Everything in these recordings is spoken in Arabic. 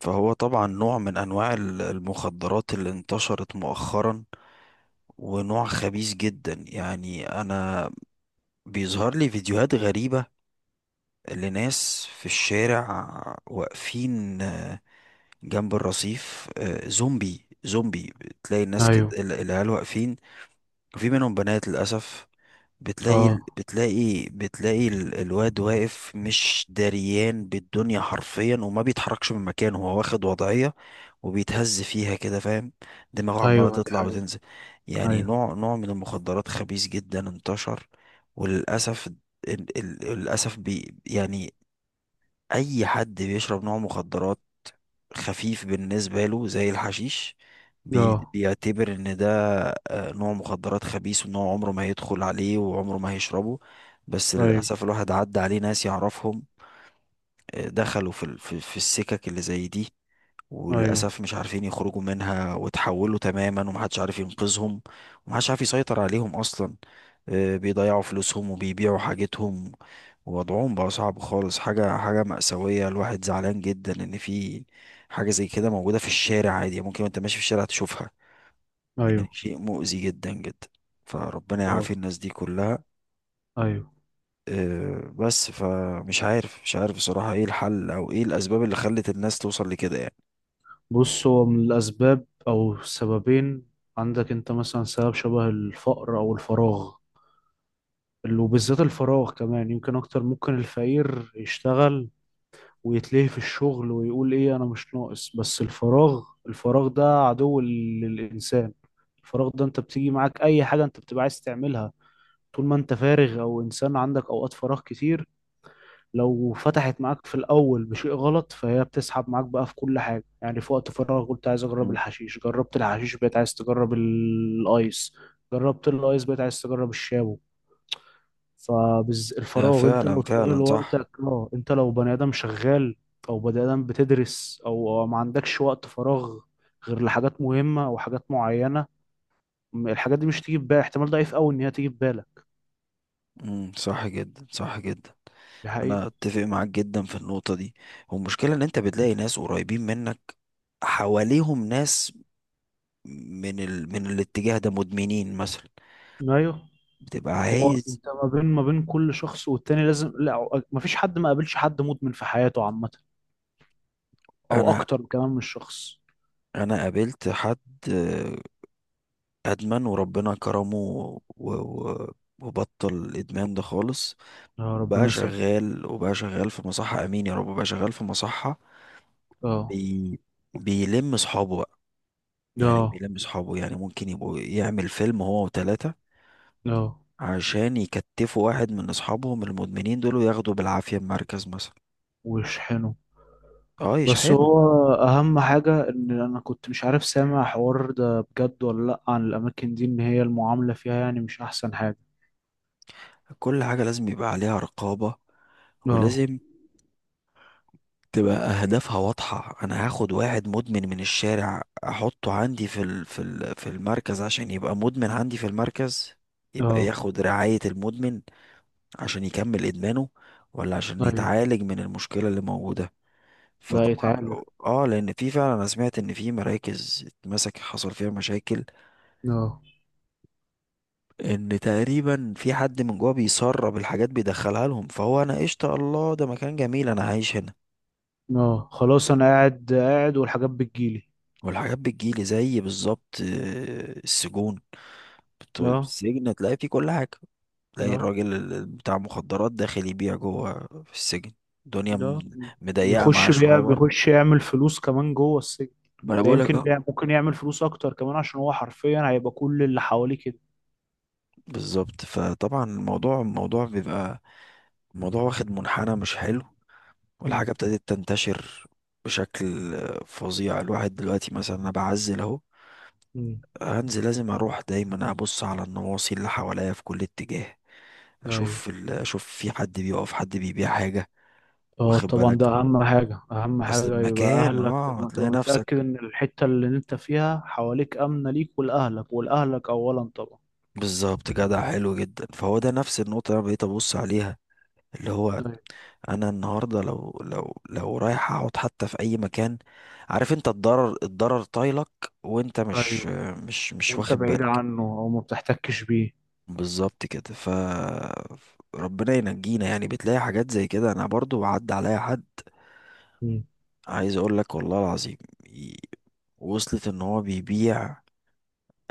فهو طبعا نوع من انواع المخدرات اللي انتشرت مؤخرا، ونوع خبيث جدا. يعني انا بيظهر لي فيديوهات غريبة لناس في الشارع واقفين، جنب الرصيف، زومبي زومبي. تلاقي الناس كده ايوه. العيال واقفين، وفي منهم بنات للاسف. بتلاقي اه. بتلاقي الواد واقف مش دريان بالدنيا حرفيا، وما بيتحركش من مكانه، هو واخد وضعية وبيتهز فيها كده، فاهم. دماغه عمالة ايوه، دي تطلع حقيقة. وتنزل. يعني ايوه. نوع من المخدرات خبيث جدا انتشر. وللأسف ال- ال- للأسف بي يعني أي حد بيشرب نوع مخدرات خفيف بالنسبة له زي الحشيش اه. بيعتبر ان ده نوع مخدرات خبيث، وان هو عمره ما هيدخل عليه وعمره ما هيشربه. بس ايوه. للأسف الواحد عدى عليه ناس يعرفهم، دخلوا في ال- في في السكك اللي زي دي، ايوه. وللأسف مش عارفين يخرجوا منها، وتحولوا تماما، ومحدش عارف ينقذهم، ومحدش عارف يسيطر عليهم أصلا. بيضيعوا فلوسهم وبيبيعوا حاجتهم، ووضعهم بقى صعب خالص. حاجة مأساوية. الواحد زعلان جدا إن في حاجة زي كده موجودة في الشارع عادي، ممكن وأنت ماشي في الشارع تشوفها. يعني ايوه. شيء مؤذي جدا جدا. فربنا ايوه. يعافي الناس دي كلها. ايوه. بس فمش عارف مش عارف بصراحة ايه الحل او ايه الاسباب اللي خلت الناس توصل لكده يعني. بص، هو من الاسباب او السببين عندك انت مثلا، سبب شبه الفقر او الفراغ، وبالذات الفراغ، كمان يمكن اكتر. ممكن الفقير يشتغل ويتلهي في الشغل ويقول ايه، انا مش ناقص، بس الفراغ ده عدو للانسان. الفراغ ده، انت بتيجي معاك اي حاجة انت بتبقى عايز تعملها طول ما انت فارغ، او انسان عندك اوقات فراغ كتير. لو فتحت معاك في الأول بشيء غلط، فهي بتسحب معاك بقى في كل حاجة. يعني في وقت فراغ قلت عايز أجرب مم. الحشيش، جربت الحشيش بقيت عايز تجرب الأيس، جربت الأيس بقيت عايز تجرب الشابو. ده فالفراغ، أنت فعلا لو شغال فعلا صح. وقتك، اه، أنت لو بني آدم شغال أو بني آدم بتدرس أو ما عندكش وقت فراغ غير لحاجات مهمة أو حاجات معينة، الحاجات دي مش تيجي في بالك. احتمال ضعيف أوي إن هي تيجي في بالك. امم، صح جدا، صح جدا. دي حقيقة. انا اتفق معاك جدا في النقطة دي. والمشكلة ان انت بتلاقي ناس قريبين منك، حواليهم ناس من الاتجاه ده مدمنين مثلا. أيوه. بتبقى هو عايز. انت ما بين كل شخص والتاني لازم، لا، ما فيش حد ما قابلش حد مدمن في حياته عامة، او انا اكتر كمان من شخص. انا قابلت حد، آه، ادمن، وربنا كرمه وبطل الادمان ده خالص. يا ربنا يثبت. وبقى شغال في مصحة. امين يا رب. بقى شغال في مصحة. اه. بي... بيلم صحابه. يعني اه. بيلم صحابه. يعني ممكن يبقوا يعمل فيلم هو وتلاتة، اه. عشان يكتفوا واحد من اصحابهم المدمنين دول وياخدوا بالعافية المركز مثلا. ويشحنه. اه، بس يشحنوا. هو اهم حاجة ان انا كنت مش عارف، سامع حوار ده بجد ولا لا، عن الاماكن دي، ان هي المعاملة فيها يعني مش احسن حاجة. كل حاجة لازم يبقى عليها رقابة، اه. ولازم تبقى اهدافها واضحة. انا هاخد واحد مدمن من الشارع، احطه عندي في المركز، عشان يبقى مدمن عندي في المركز؟ يبقى اه. ياخد رعاية المدمن عشان يكمل ادمانه، ولا عشان طيب. يتعالج من المشكلة اللي موجودة؟ لا فطبعا يتعالج. لو، اه، لان في فعلا، انا سمعت ان في مراكز اتمسك حصل فيها مشاكل، اه. ان تقريبا في حد من جوه بيسرب الحاجات، بيدخلها لهم. فهو انا قشطه الله، ده مكان جميل انا عايش هنا، اه خلاص، انا قاعد والحاجات بتجيلي. والحاجات بتجيلي. زي بالظبط السجون. اه. السجن تلاقي فيه كل حاجه. تلاقي اه. الراجل بتاع مخدرات داخل يبيع جوه في السجن. الدنيا ده مضيقه معاه بيخش بيع، شويه بره. بيخش يعمل فلوس كمان جوه السجن. ما انا ده بقولك. يمكن اه، بيع ممكن يعمل فلوس اكتر كمان، عشان هو حرفيا هيبقى كل اللي حواليه كده. بالظبط. فطبعا الموضوع، الموضوع بيبقى الموضوع واخد منحنى مش حلو، مم. والحاجة ابتدت تنتشر بشكل فظيع. الواحد دلوقتي مثلا، أنا بعزل أهو، مم. هنزل، لازم أروح دايما أبص على النواصي اللي حواليا في كل اتجاه. ايوه. أشوف في حد بيقف، حد بيبيع حاجة، اه واخد طبعا، ده بالك. اهم حاجة. اهم أصل حاجة يبقى المكان، اهلك تبقى تلاقي نفسك متأكد ان الحتة اللي انت فيها حواليك امنة ليك ولاهلك اولا طبعا. بالظبط. جدع، حلو جدا. فهو ده نفس النقطة اللي أنا بقيت أبص عليها، اللي هو ايوه. أنا النهاردة لو رايح أقعد حتى في أي مكان، عارف، أنت الضرر طايلك، وأنت أيوة. مش وانت واخد بعيد بالك. عنه او ما بتحتكش بيه. بالظبط كده، ربنا ينجينا. يعني بتلاقي حاجات زي كده. انا برضو عدى عليا حد مم. عايز اقول لك والله العظيم، ي- وصلت ان هو بيبيع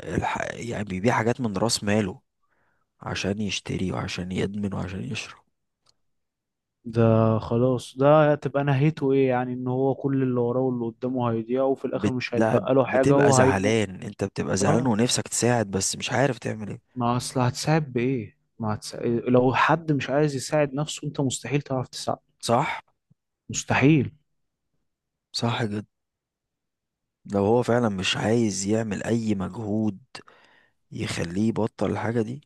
يعني بيبيع حاجات من راس ماله عشان يشتري وعشان يدمن وعشان يشرب. ده خلاص، ده تبقى نهايته ايه؟ يعني ان هو كل اللي وراه واللي قدامه هيضيع، وفي الاخر مش لا، هيتبقى له حاجة بتبقى وهيموت. زعلان، انت بتبقى زعلان اه. ونفسك تساعد بس مش عارف تعمل ايه. ما اصل هتساعد بايه؟ ما هتساعد لو حد مش عايز يساعد نفسه، انت مستحيل تعرف تساعد. صح. مستحيل. صح جدا. لو هو فعلا مش عايز يعمل اي مجهود يخليه يبطل الحاجة دي،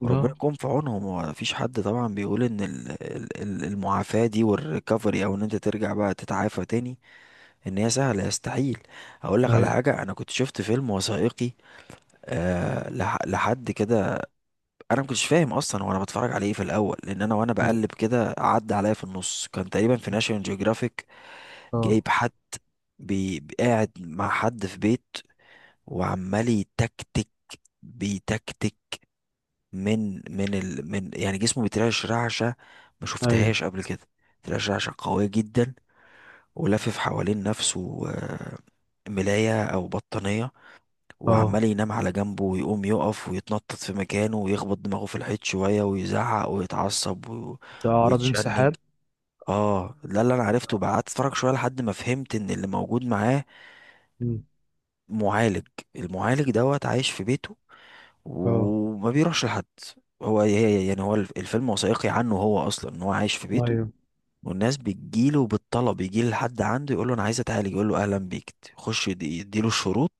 وربنا لا. يكون في عونهم. هو مفيش حد طبعا بيقول ان المعافاة دي والريكفري، او ان انت ترجع بقى تتعافى تاني، ان هي سهلة. يستحيل. اقول لك على ايوه. حاجة. انا كنت شفت فيلم وثائقي لحد كده. انا ما كنتش فاهم اصلا وانا بتفرج عليه إيه في الاول، لان انا وانا ايوه. بقلب كده عدى عليا في النص. كان تقريبا في ناشيونال جيوغرافيك. اه. جايب حد، قاعد مع حد في بيت وعمال يتكتك. بيتكتك من يعني جسمه بيترعش رعشة ما ايوه. شفتهاش قبل كده. بيترعش رعشة قوية جدا، ولافف حوالين نفسه ملاية أو بطانية، وعمال اه، ينام على جنبه ويقوم يقف، ويتنطط في مكانه، ويخبط دماغه في الحيط شوية، ويزعق ويتعصب ده اعراض ويتشنج. انسحاب. اه، ده اللي انا عرفته اه. بقى. قعدت اتفرج شويه لحد ما فهمت ان اللي موجود معاه مم. معالج. المعالج دوت عايش في بيته، اه. وما بيروحش لحد. هو الفيلم وثائقي عنه، هو اصلا ان هو عايش في بيته، ايوه. والناس بتجيله بالطلب. يجي لحد عنده يقول له انا عايز اتعالج، يقول له اهلا بيك، يخش يديله الشروط،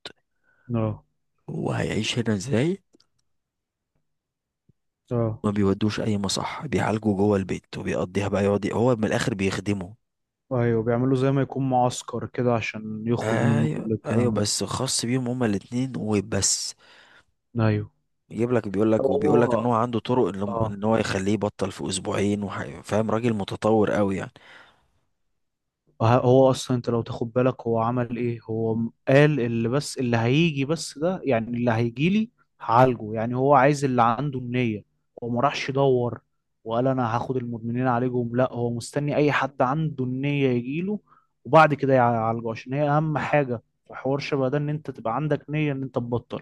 اه. هو هيعيش هنا ازاي. اه. ما بيودوش اي مصح، بيعالجه جوه البيت، وبيقضيها بقى، يقعد هو من الاخر بيخدمه. ايوه، بيعملوا زي ما يكون معسكر كده عشان يخرج منه ايوه، كل ايوه، الكلام. بس خاص بيهم هما الاتنين وبس. ده ايوه. يجيب لك، بيقول لك هو، ان هو عنده طرق، ان اه، إن هو يخليه يبطل في اسبوعين، فاهم. راجل متطور قوي يعني. هو اصلا انت لو تاخد بالك هو عمل ايه، هو قال اللي، بس اللي هيجي، بس ده يعني اللي هيجي لي هعالجه. يعني هو عايز اللي عنده النية. هو ما راحش يدور وقال انا هاخد المدمنين عليهم، لا، هو مستني اي حد عنده النية يجي له وبعد كده يعالجه، عشان هي اهم صح. حاجة في حوار شبه ده، ان انت تبقى عندك نية ان انت تبطل.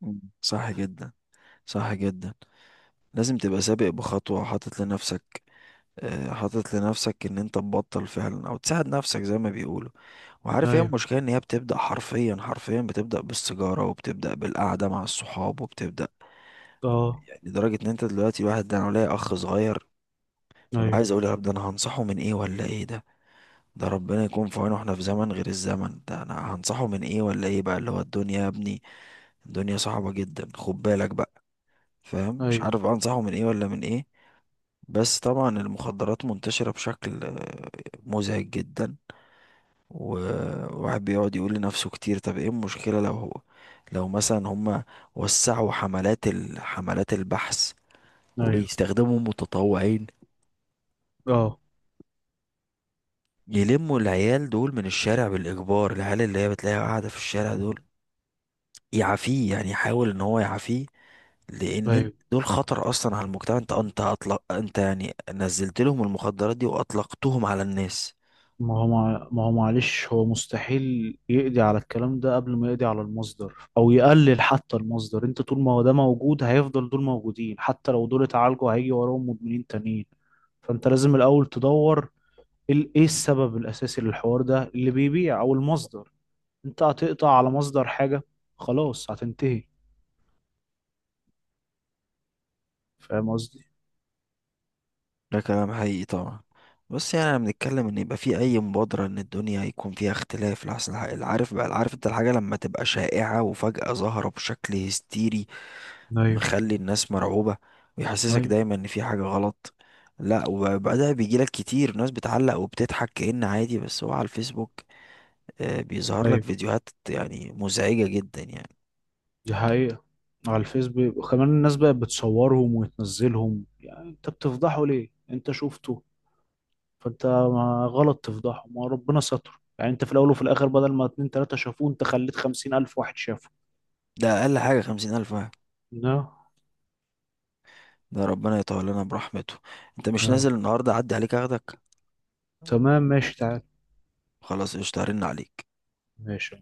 مم. صح جدا. صح جدا. لازم تبقى سابق بخطوة، حاطط لنفسك، ان انت تبطل فعلا او تساعد نفسك زي ما بيقولوا. وعارف ايه ايوه. المشكلة؟ ان هي بتبدأ حرفيا، حرفيا بتبدأ بالسيجارة، وبتبدأ بالقعدة مع الصحاب، وبتبدأ. اه. يعني لدرجة ان انت دلوقتي، الواحد ده، انا ليا اخ صغير، ببقى ايوه. عايز اقول يا رب، ده انا هنصحه من ايه ولا ايه؟ ده ده ربنا يكون في عونه. احنا في زمن غير الزمن ده، انا هنصحه من ايه ولا ايه بقى؟ اللي هو الدنيا يا ابني، الدنيا صعبة جدا، خد بالك بقى، فاهم. مش ايوه. عارف بقى انصحه من ايه ولا من ايه. بس طبعا المخدرات منتشرة بشكل مزعج جدا. وواحد بيقعد يقول لنفسه كتير، طب ايه المشكلة لو مثلا هما وسعوا حملات البحث، ايوه. وبيستخدموا متطوعين، اه. يلموا العيال دول من الشارع بالإجبار، العيال اللي هي بتلاقيها قاعدة في الشارع دول، يعافيه، يعني يحاول ان هو يعافيه. لان ايوه. دول خطر اصلا على المجتمع. انت اطلق، انت يعني نزلت لهم المخدرات دي واطلقتهم على الناس. ما هو معلش، هو مستحيل يقضي على الكلام ده قبل ما يقضي على المصدر او يقلل حتى المصدر. انت طول ما هو ده موجود، هيفضل دول موجودين. حتى لو دول اتعالجوا، هيجي وراهم مدمنين تانيين. فانت لازم الاول تدور ايه السبب الاساسي للحوار ده، اللي بيبيع او المصدر. انت هتقطع على مصدر حاجة، خلاص هتنتهي. فاهم قصدي؟ ده كلام حقيقي طبعا. بس يعني انا بنتكلم ان يبقى في اي مبادرة، ان الدنيا يكون فيها اختلاف لحسن، الحق، العارف، انت الحاجة لما تبقى شائعة وفجأة ظاهرة بشكل هستيري ايوه. مخلي الناس مرعوبة، ويحسسك ايوه. دايما ان في حاجة غلط. لا، وبقى ده بيجيلك كتير ناس بتعلق وبتضحك كأن عادي، بس هو على الفيسبوك بيظهر لك ايوه، فيديوهات يعني مزعجة جدا يعني. دي حقيقة. على الفيس. وكمان الناس بقت بتصورهم وتنزلهم. يعني انت بتفضحه ليه؟ انت شفته فانت ما غلط تفضحهم، ما ربنا ستر. يعني انت في الاول وفي الاخر، بدل ما اتنين تلاتة شافوه، انت خليت 50,000 واحد شافه. ده أقل حاجة 50,000 واحد. لا. ده ربنا يطول لنا برحمته. أنت مش لا. نازل النهاردة أعدي عليك أخدك. تمام، ماشي، تعال. خلاص قشطة، هرن عليك. ماشي